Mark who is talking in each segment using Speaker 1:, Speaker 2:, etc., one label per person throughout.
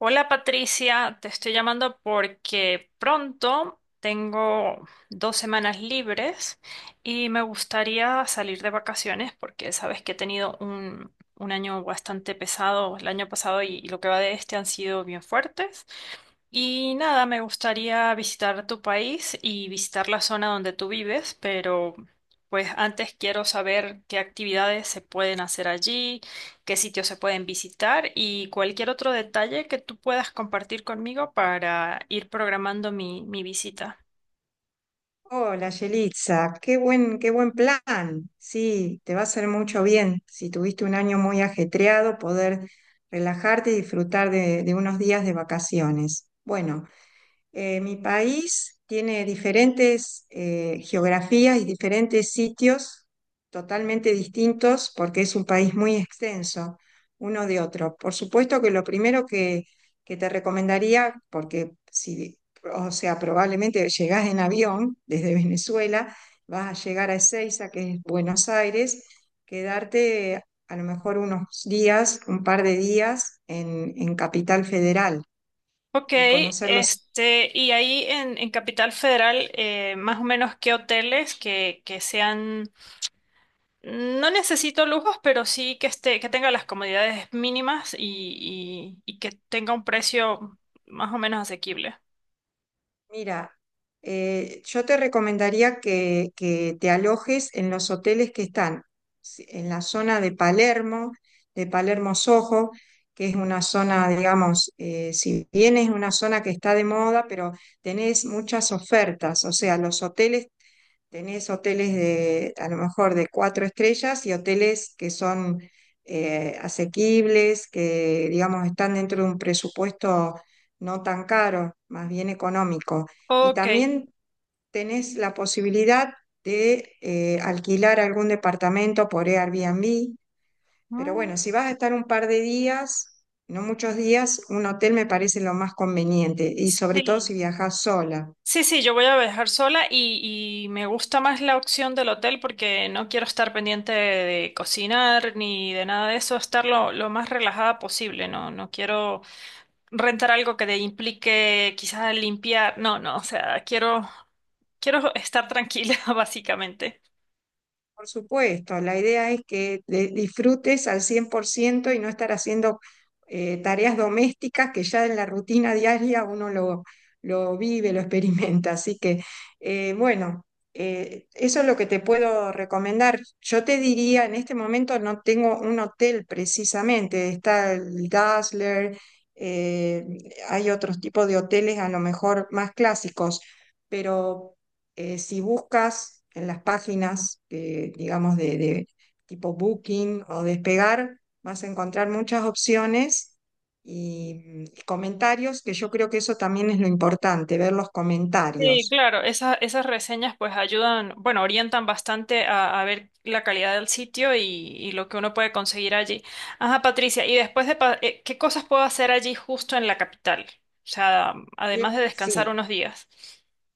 Speaker 1: Hola Patricia, te estoy llamando porque pronto tengo dos semanas libres y me gustaría salir de vacaciones porque sabes que he tenido un año bastante pesado el año pasado y lo que va de este han sido bien fuertes y nada, me gustaría visitar tu país y visitar la zona donde tú vives, pero pues antes quiero saber qué actividades se pueden hacer allí, qué sitios se pueden visitar y cualquier otro detalle que tú puedas compartir conmigo para ir programando mi visita.
Speaker 2: Hola, Yelitza, qué buen plan. Sí, te va a hacer mucho bien. Si tuviste un año muy ajetreado, poder relajarte y disfrutar de unos días de vacaciones. Bueno, mi país tiene diferentes geografías y diferentes sitios totalmente distintos porque es un país muy extenso uno de otro. Por supuesto que lo primero que te recomendaría, porque si, o sea, probablemente llegás en avión desde Venezuela, vas a llegar a Ezeiza, que es Buenos Aires, quedarte a lo mejor unos días, un par de días en Capital Federal
Speaker 1: Ok,
Speaker 2: y conocer los.
Speaker 1: y ahí en Capital Federal, más o menos qué hoteles que sean. No necesito lujos, pero sí que esté, que tenga las comodidades mínimas y que tenga un precio más o menos asequible.
Speaker 2: Mira, yo te recomendaría que te alojes en los hoteles que están en la zona de Palermo Soho, que es una zona, digamos, si bien es una zona que está de moda, pero tenés muchas ofertas, o sea, los hoteles. Tenés hoteles a lo mejor de cuatro estrellas y hoteles que son asequibles, que digamos están dentro de un presupuesto no tan caro, más bien económico. Y
Speaker 1: Ok.
Speaker 2: también tenés la posibilidad de alquilar algún departamento por Airbnb. Pero
Speaker 1: Mm.
Speaker 2: bueno, si vas a estar un par de días, no muchos días, un hotel me parece lo más conveniente y sobre todo
Speaker 1: Sí.
Speaker 2: si viajas sola.
Speaker 1: Sí, sí, yo voy a viajar sola y me gusta más la opción del hotel porque no quiero estar pendiente de cocinar ni de nada de eso, estar lo más relajada posible, no, no quiero rentar algo que te implique quizás limpiar, no, no, o sea, quiero, quiero estar tranquila, básicamente.
Speaker 2: Por supuesto, la idea es que disfrutes al 100% y no estar haciendo tareas domésticas que ya en la rutina diaria uno lo vive, lo experimenta. Así que, bueno, eso es lo que te puedo recomendar. Yo te diría, en este momento no tengo un hotel precisamente, está el Dazzler, eh, hay otros tipos de hoteles a lo mejor más clásicos, pero... si buscas en las páginas, digamos, de tipo Booking o Despegar, vas a encontrar muchas opciones y comentarios, que yo creo que eso también es lo importante, ver los
Speaker 1: Sí,
Speaker 2: comentarios.
Speaker 1: claro, esas reseñas pues ayudan, bueno, orientan bastante a ver la calidad del sitio y lo que uno puede conseguir allí. Ajá, Patricia, y después ¿qué cosas puedo hacer allí justo en la capital? O sea, además de descansar
Speaker 2: Sí,
Speaker 1: unos días.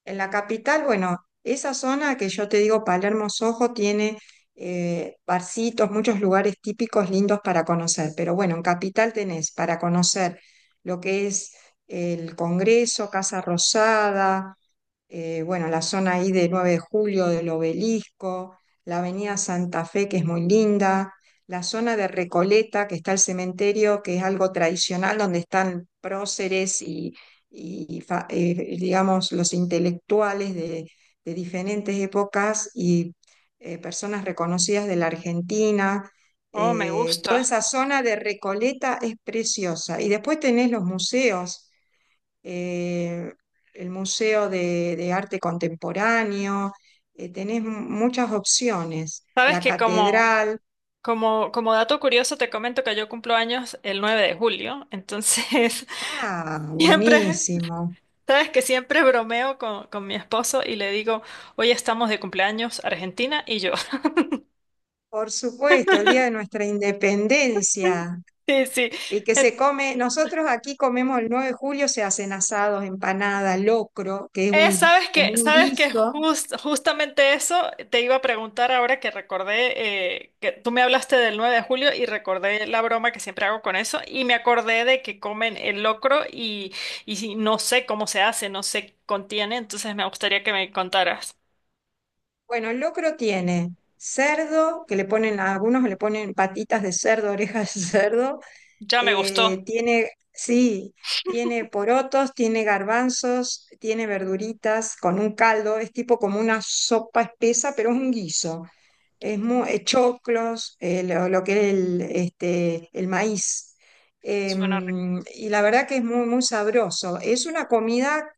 Speaker 2: en la capital, bueno, esa zona que yo te digo, Palermo Soho, tiene barcitos, muchos lugares típicos lindos para conocer, pero bueno, en capital tenés para conocer lo que es el Congreso, Casa Rosada, bueno, la zona ahí de 9 de Julio, del Obelisco, la Avenida Santa Fe, que es muy linda, la zona de Recoleta, que está el cementerio, que es algo tradicional, donde están próceres y digamos, los intelectuales de diferentes épocas y personas reconocidas de la Argentina.
Speaker 1: Oh, me
Speaker 2: Toda
Speaker 1: gusta.
Speaker 2: esa zona de Recoleta es preciosa. Y después tenés los museos eh, el Museo de Arte Contemporáneo, tenés muchas opciones.
Speaker 1: Sabes
Speaker 2: La
Speaker 1: que
Speaker 2: catedral,
Speaker 1: como dato curioso te comento que yo cumplo años el 9 de julio, entonces
Speaker 2: ah,
Speaker 1: siempre,
Speaker 2: buenísimo.
Speaker 1: sabes que siempre bromeo con mi esposo y le digo, hoy estamos de cumpleaños Argentina y yo.
Speaker 2: Por supuesto, el día de nuestra independencia.
Speaker 1: Sí, sí.
Speaker 2: Y que
Speaker 1: En-
Speaker 2: se come, nosotros aquí comemos el 9 de julio, se hacen asados, empanada, locro, que es un,
Speaker 1: sabes
Speaker 2: como un
Speaker 1: sabes que
Speaker 2: guiso.
Speaker 1: justamente eso te iba a preguntar ahora que recordé que tú me hablaste del 9 de julio y recordé la broma que siempre hago con eso y me acordé de que comen el locro y no sé cómo se hace, no sé qué contiene, entonces me gustaría que me contaras.
Speaker 2: Bueno, el locro tiene cerdo, que le ponen, a algunos le ponen patitas de cerdo, orejas de cerdo.
Speaker 1: Ya me gustó.
Speaker 2: Tiene, sí, tiene porotos, tiene garbanzos, tiene verduritas con un caldo, es tipo como una sopa espesa, pero es un guiso. Choclos, lo que es el, este, el maíz.
Speaker 1: Suena rico.
Speaker 2: Y la verdad que es muy, muy sabroso. Es una comida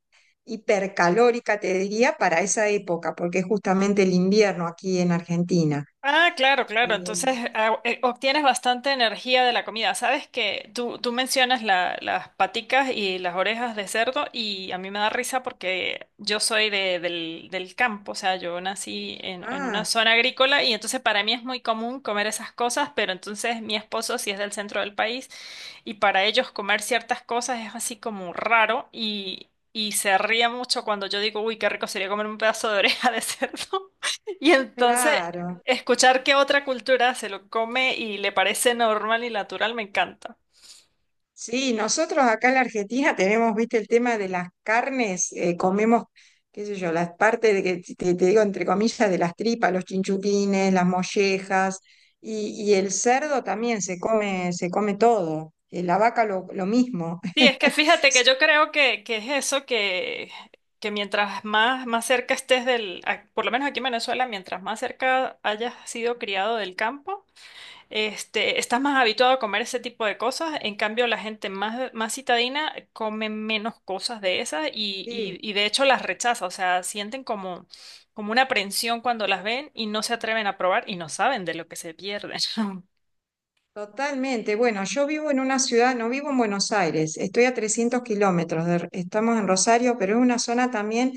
Speaker 2: hipercalórica, te diría, para esa época, porque es justamente el invierno aquí en Argentina.
Speaker 1: Ah, claro, claro. Entonces
Speaker 2: Em,
Speaker 1: obtienes bastante energía de la comida. Sabes que tú mencionas las paticas y las orejas de cerdo y a mí me da risa porque yo soy del campo, o sea, yo nací en una
Speaker 2: ah,
Speaker 1: zona agrícola y entonces para mí es muy común comer esas cosas, pero entonces mi esposo sí es del centro del país y para ellos comer ciertas cosas es así como raro y... Y se ríe mucho cuando yo digo, uy, qué rico sería comer un pedazo de oreja de cerdo. Y entonces,
Speaker 2: claro.
Speaker 1: escuchar que otra cultura se lo come y le parece normal y natural me encanta.
Speaker 2: Sí, nosotros acá en la Argentina tenemos, viste, el tema de las carnes, comemos, qué sé yo, las partes de que te digo entre comillas de las tripas, los chinchulines, las mollejas, y el cerdo también se come todo, la vaca lo mismo.
Speaker 1: Sí, es que fíjate que yo creo que es eso que mientras más cerca estés por lo menos aquí en Venezuela, mientras más cerca hayas sido criado del campo, este, estás más habituado a comer ese tipo de cosas. En cambio, la gente más citadina come menos cosas de esas y,
Speaker 2: Sí.
Speaker 1: y- y de hecho las rechaza. O sea, sienten como, como una aprensión cuando las ven y no se atreven a probar y no saben de lo que se pierden.
Speaker 2: Totalmente. Bueno, yo vivo en una ciudad, no vivo en Buenos Aires, estoy a 300 kilómetros, estamos en Rosario, pero es una zona también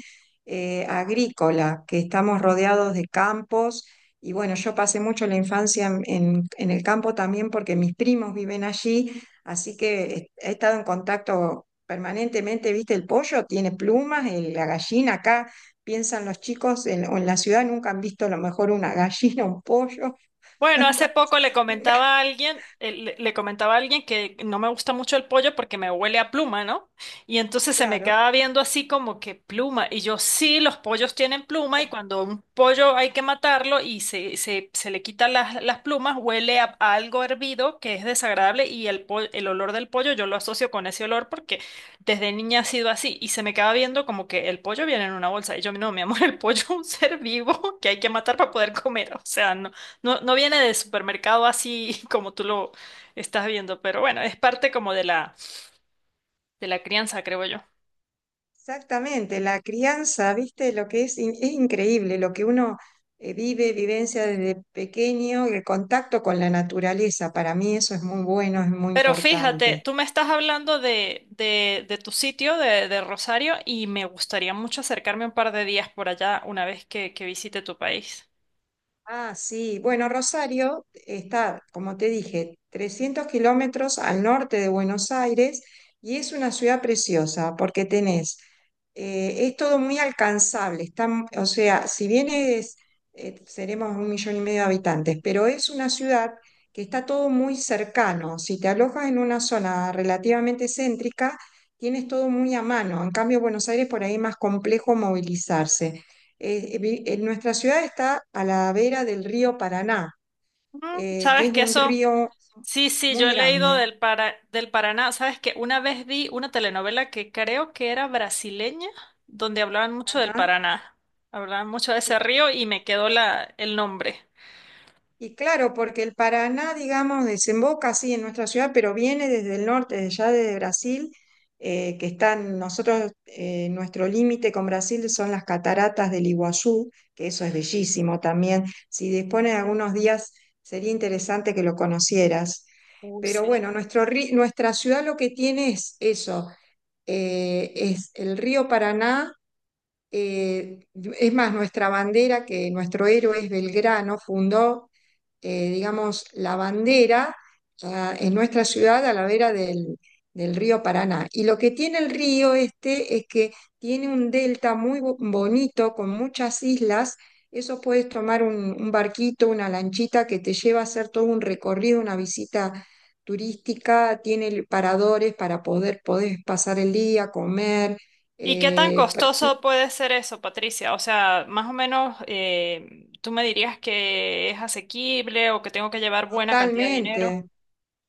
Speaker 2: agrícola, que estamos rodeados de campos. Y bueno, yo pasé mucho la infancia en en el campo también porque mis primos viven allí, así que he estado en contacto permanentemente, ¿viste? El pollo tiene plumas, la gallina acá, piensan los chicos, en, o en la ciudad nunca han visto a lo mejor una gallina, un pollo,
Speaker 1: Bueno, hace poco le comentaba a alguien, le comentaba a alguien que no me gusta mucho el pollo porque me huele a pluma, ¿no? Y entonces se me
Speaker 2: claro.
Speaker 1: quedaba viendo así como que pluma. Y yo, sí, los pollos tienen pluma y cuando un pollo hay que matarlo y se le quitan las plumas, huele a algo hervido que es desagradable y el olor del pollo yo lo asocio con ese olor porque desde niña ha sido así. Y se me quedaba viendo como que el pollo viene en una bolsa. Y yo, no, mi amor, el pollo es un ser vivo que hay que matar para poder comer. O sea, no, no viene de supermercado así como tú lo estás viendo, pero bueno, es parte como de la crianza, creo yo.
Speaker 2: Exactamente, la crianza, viste, lo que es, es increíble, lo que uno vive, vivencia desde pequeño, el contacto con la naturaleza, para mí eso es muy bueno, es muy
Speaker 1: Pero fíjate,
Speaker 2: importante.
Speaker 1: tú me estás hablando de tu sitio, de Rosario, y me gustaría mucho acercarme un par de días por allá una vez que visite tu país.
Speaker 2: Ah, sí. Bueno, Rosario está, como te dije, 300 kilómetros al norte de Buenos Aires y es una ciudad preciosa porque tenés, es todo muy alcanzable. Está, o sea, si bien es, seremos un millón y medio de habitantes, pero es una ciudad que está todo muy cercano. Si te alojas en una zona relativamente céntrica, tienes todo muy a mano. En cambio, Buenos Aires por ahí es más complejo movilizarse. En nuestra ciudad está a la vera del río Paraná,
Speaker 1: Mm,
Speaker 2: que
Speaker 1: ¿sabes
Speaker 2: es
Speaker 1: que
Speaker 2: un
Speaker 1: eso?
Speaker 2: río
Speaker 1: Sí, sí, yo
Speaker 2: muy
Speaker 1: he leído
Speaker 2: grande.
Speaker 1: del Paraná. ¿Sabes que una vez vi una telenovela que creo que era brasileña, donde hablaban mucho del
Speaker 2: Ajá.
Speaker 1: Paraná. Hablaban mucho de ese
Speaker 2: Y,
Speaker 1: río y
Speaker 2: y-
Speaker 1: me quedó el nombre.
Speaker 2: claro, porque el Paraná, digamos, desemboca así en nuestra ciudad, pero viene desde el norte, desde ya desde Brasil, que están nosotros, nuestro límite con Brasil son las cataratas del Iguazú, que eso es bellísimo también. Si dispones de algunos días, sería interesante que lo conocieras.
Speaker 1: Uy,
Speaker 2: Pero
Speaker 1: sí.
Speaker 2: bueno, nuestra ciudad lo que tiene es eso es el río Paraná, eh, es más, nuestra bandera, que nuestro héroe es Belgrano, fundó digamos, la bandera ah, en nuestra ciudad a la vera del río Paraná. Y lo que tiene el río este es que tiene un delta muy bonito con muchas islas. Eso puedes tomar un barquito, una lanchita que te lleva a hacer todo un recorrido, una visita turística. Tiene paradores para poder, poder pasar el día, comer.
Speaker 1: ¿Y qué tan
Speaker 2: eh, per-
Speaker 1: costoso puede ser eso, Patricia? O sea, más o menos, ¿tú me dirías que es asequible o que tengo que llevar buena cantidad de dinero?
Speaker 2: totalmente.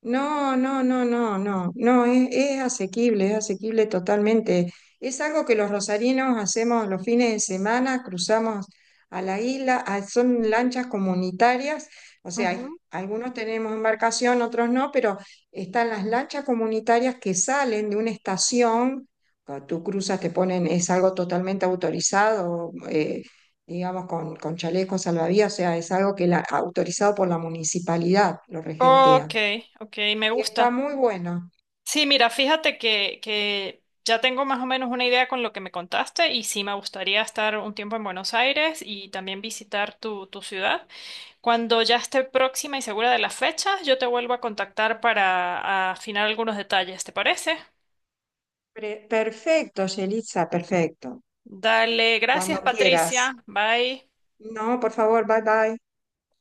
Speaker 2: No, no, no, no, no, no, es asequible totalmente. Es algo que los rosarinos hacemos los fines de semana, cruzamos a la isla, ah, son lanchas comunitarias, o sea,
Speaker 1: Ujú.
Speaker 2: algunos tenemos embarcación, otros no, pero están las lanchas comunitarias que salen de una estación, cuando tú cruzas, te ponen, es algo totalmente autorizado, digamos, con chalecos salvavidas, o sea, es algo que la, autorizado por la municipalidad, lo regentea.
Speaker 1: Ok, ok, me
Speaker 2: Y está
Speaker 1: gusta.
Speaker 2: muy bueno.
Speaker 1: Sí, mira, fíjate que ya tengo más o menos una idea con lo que me contaste y sí me gustaría estar un tiempo en Buenos Aires y también visitar tu ciudad. Cuando ya esté próxima y segura de las fechas, yo te vuelvo a contactar para afinar algunos detalles, ¿te parece?
Speaker 2: Perfecto, Yelitza, perfecto.
Speaker 1: Dale, gracias
Speaker 2: Cuando
Speaker 1: Patricia.
Speaker 2: quieras.
Speaker 1: Bye.
Speaker 2: No, por favor, bye bye.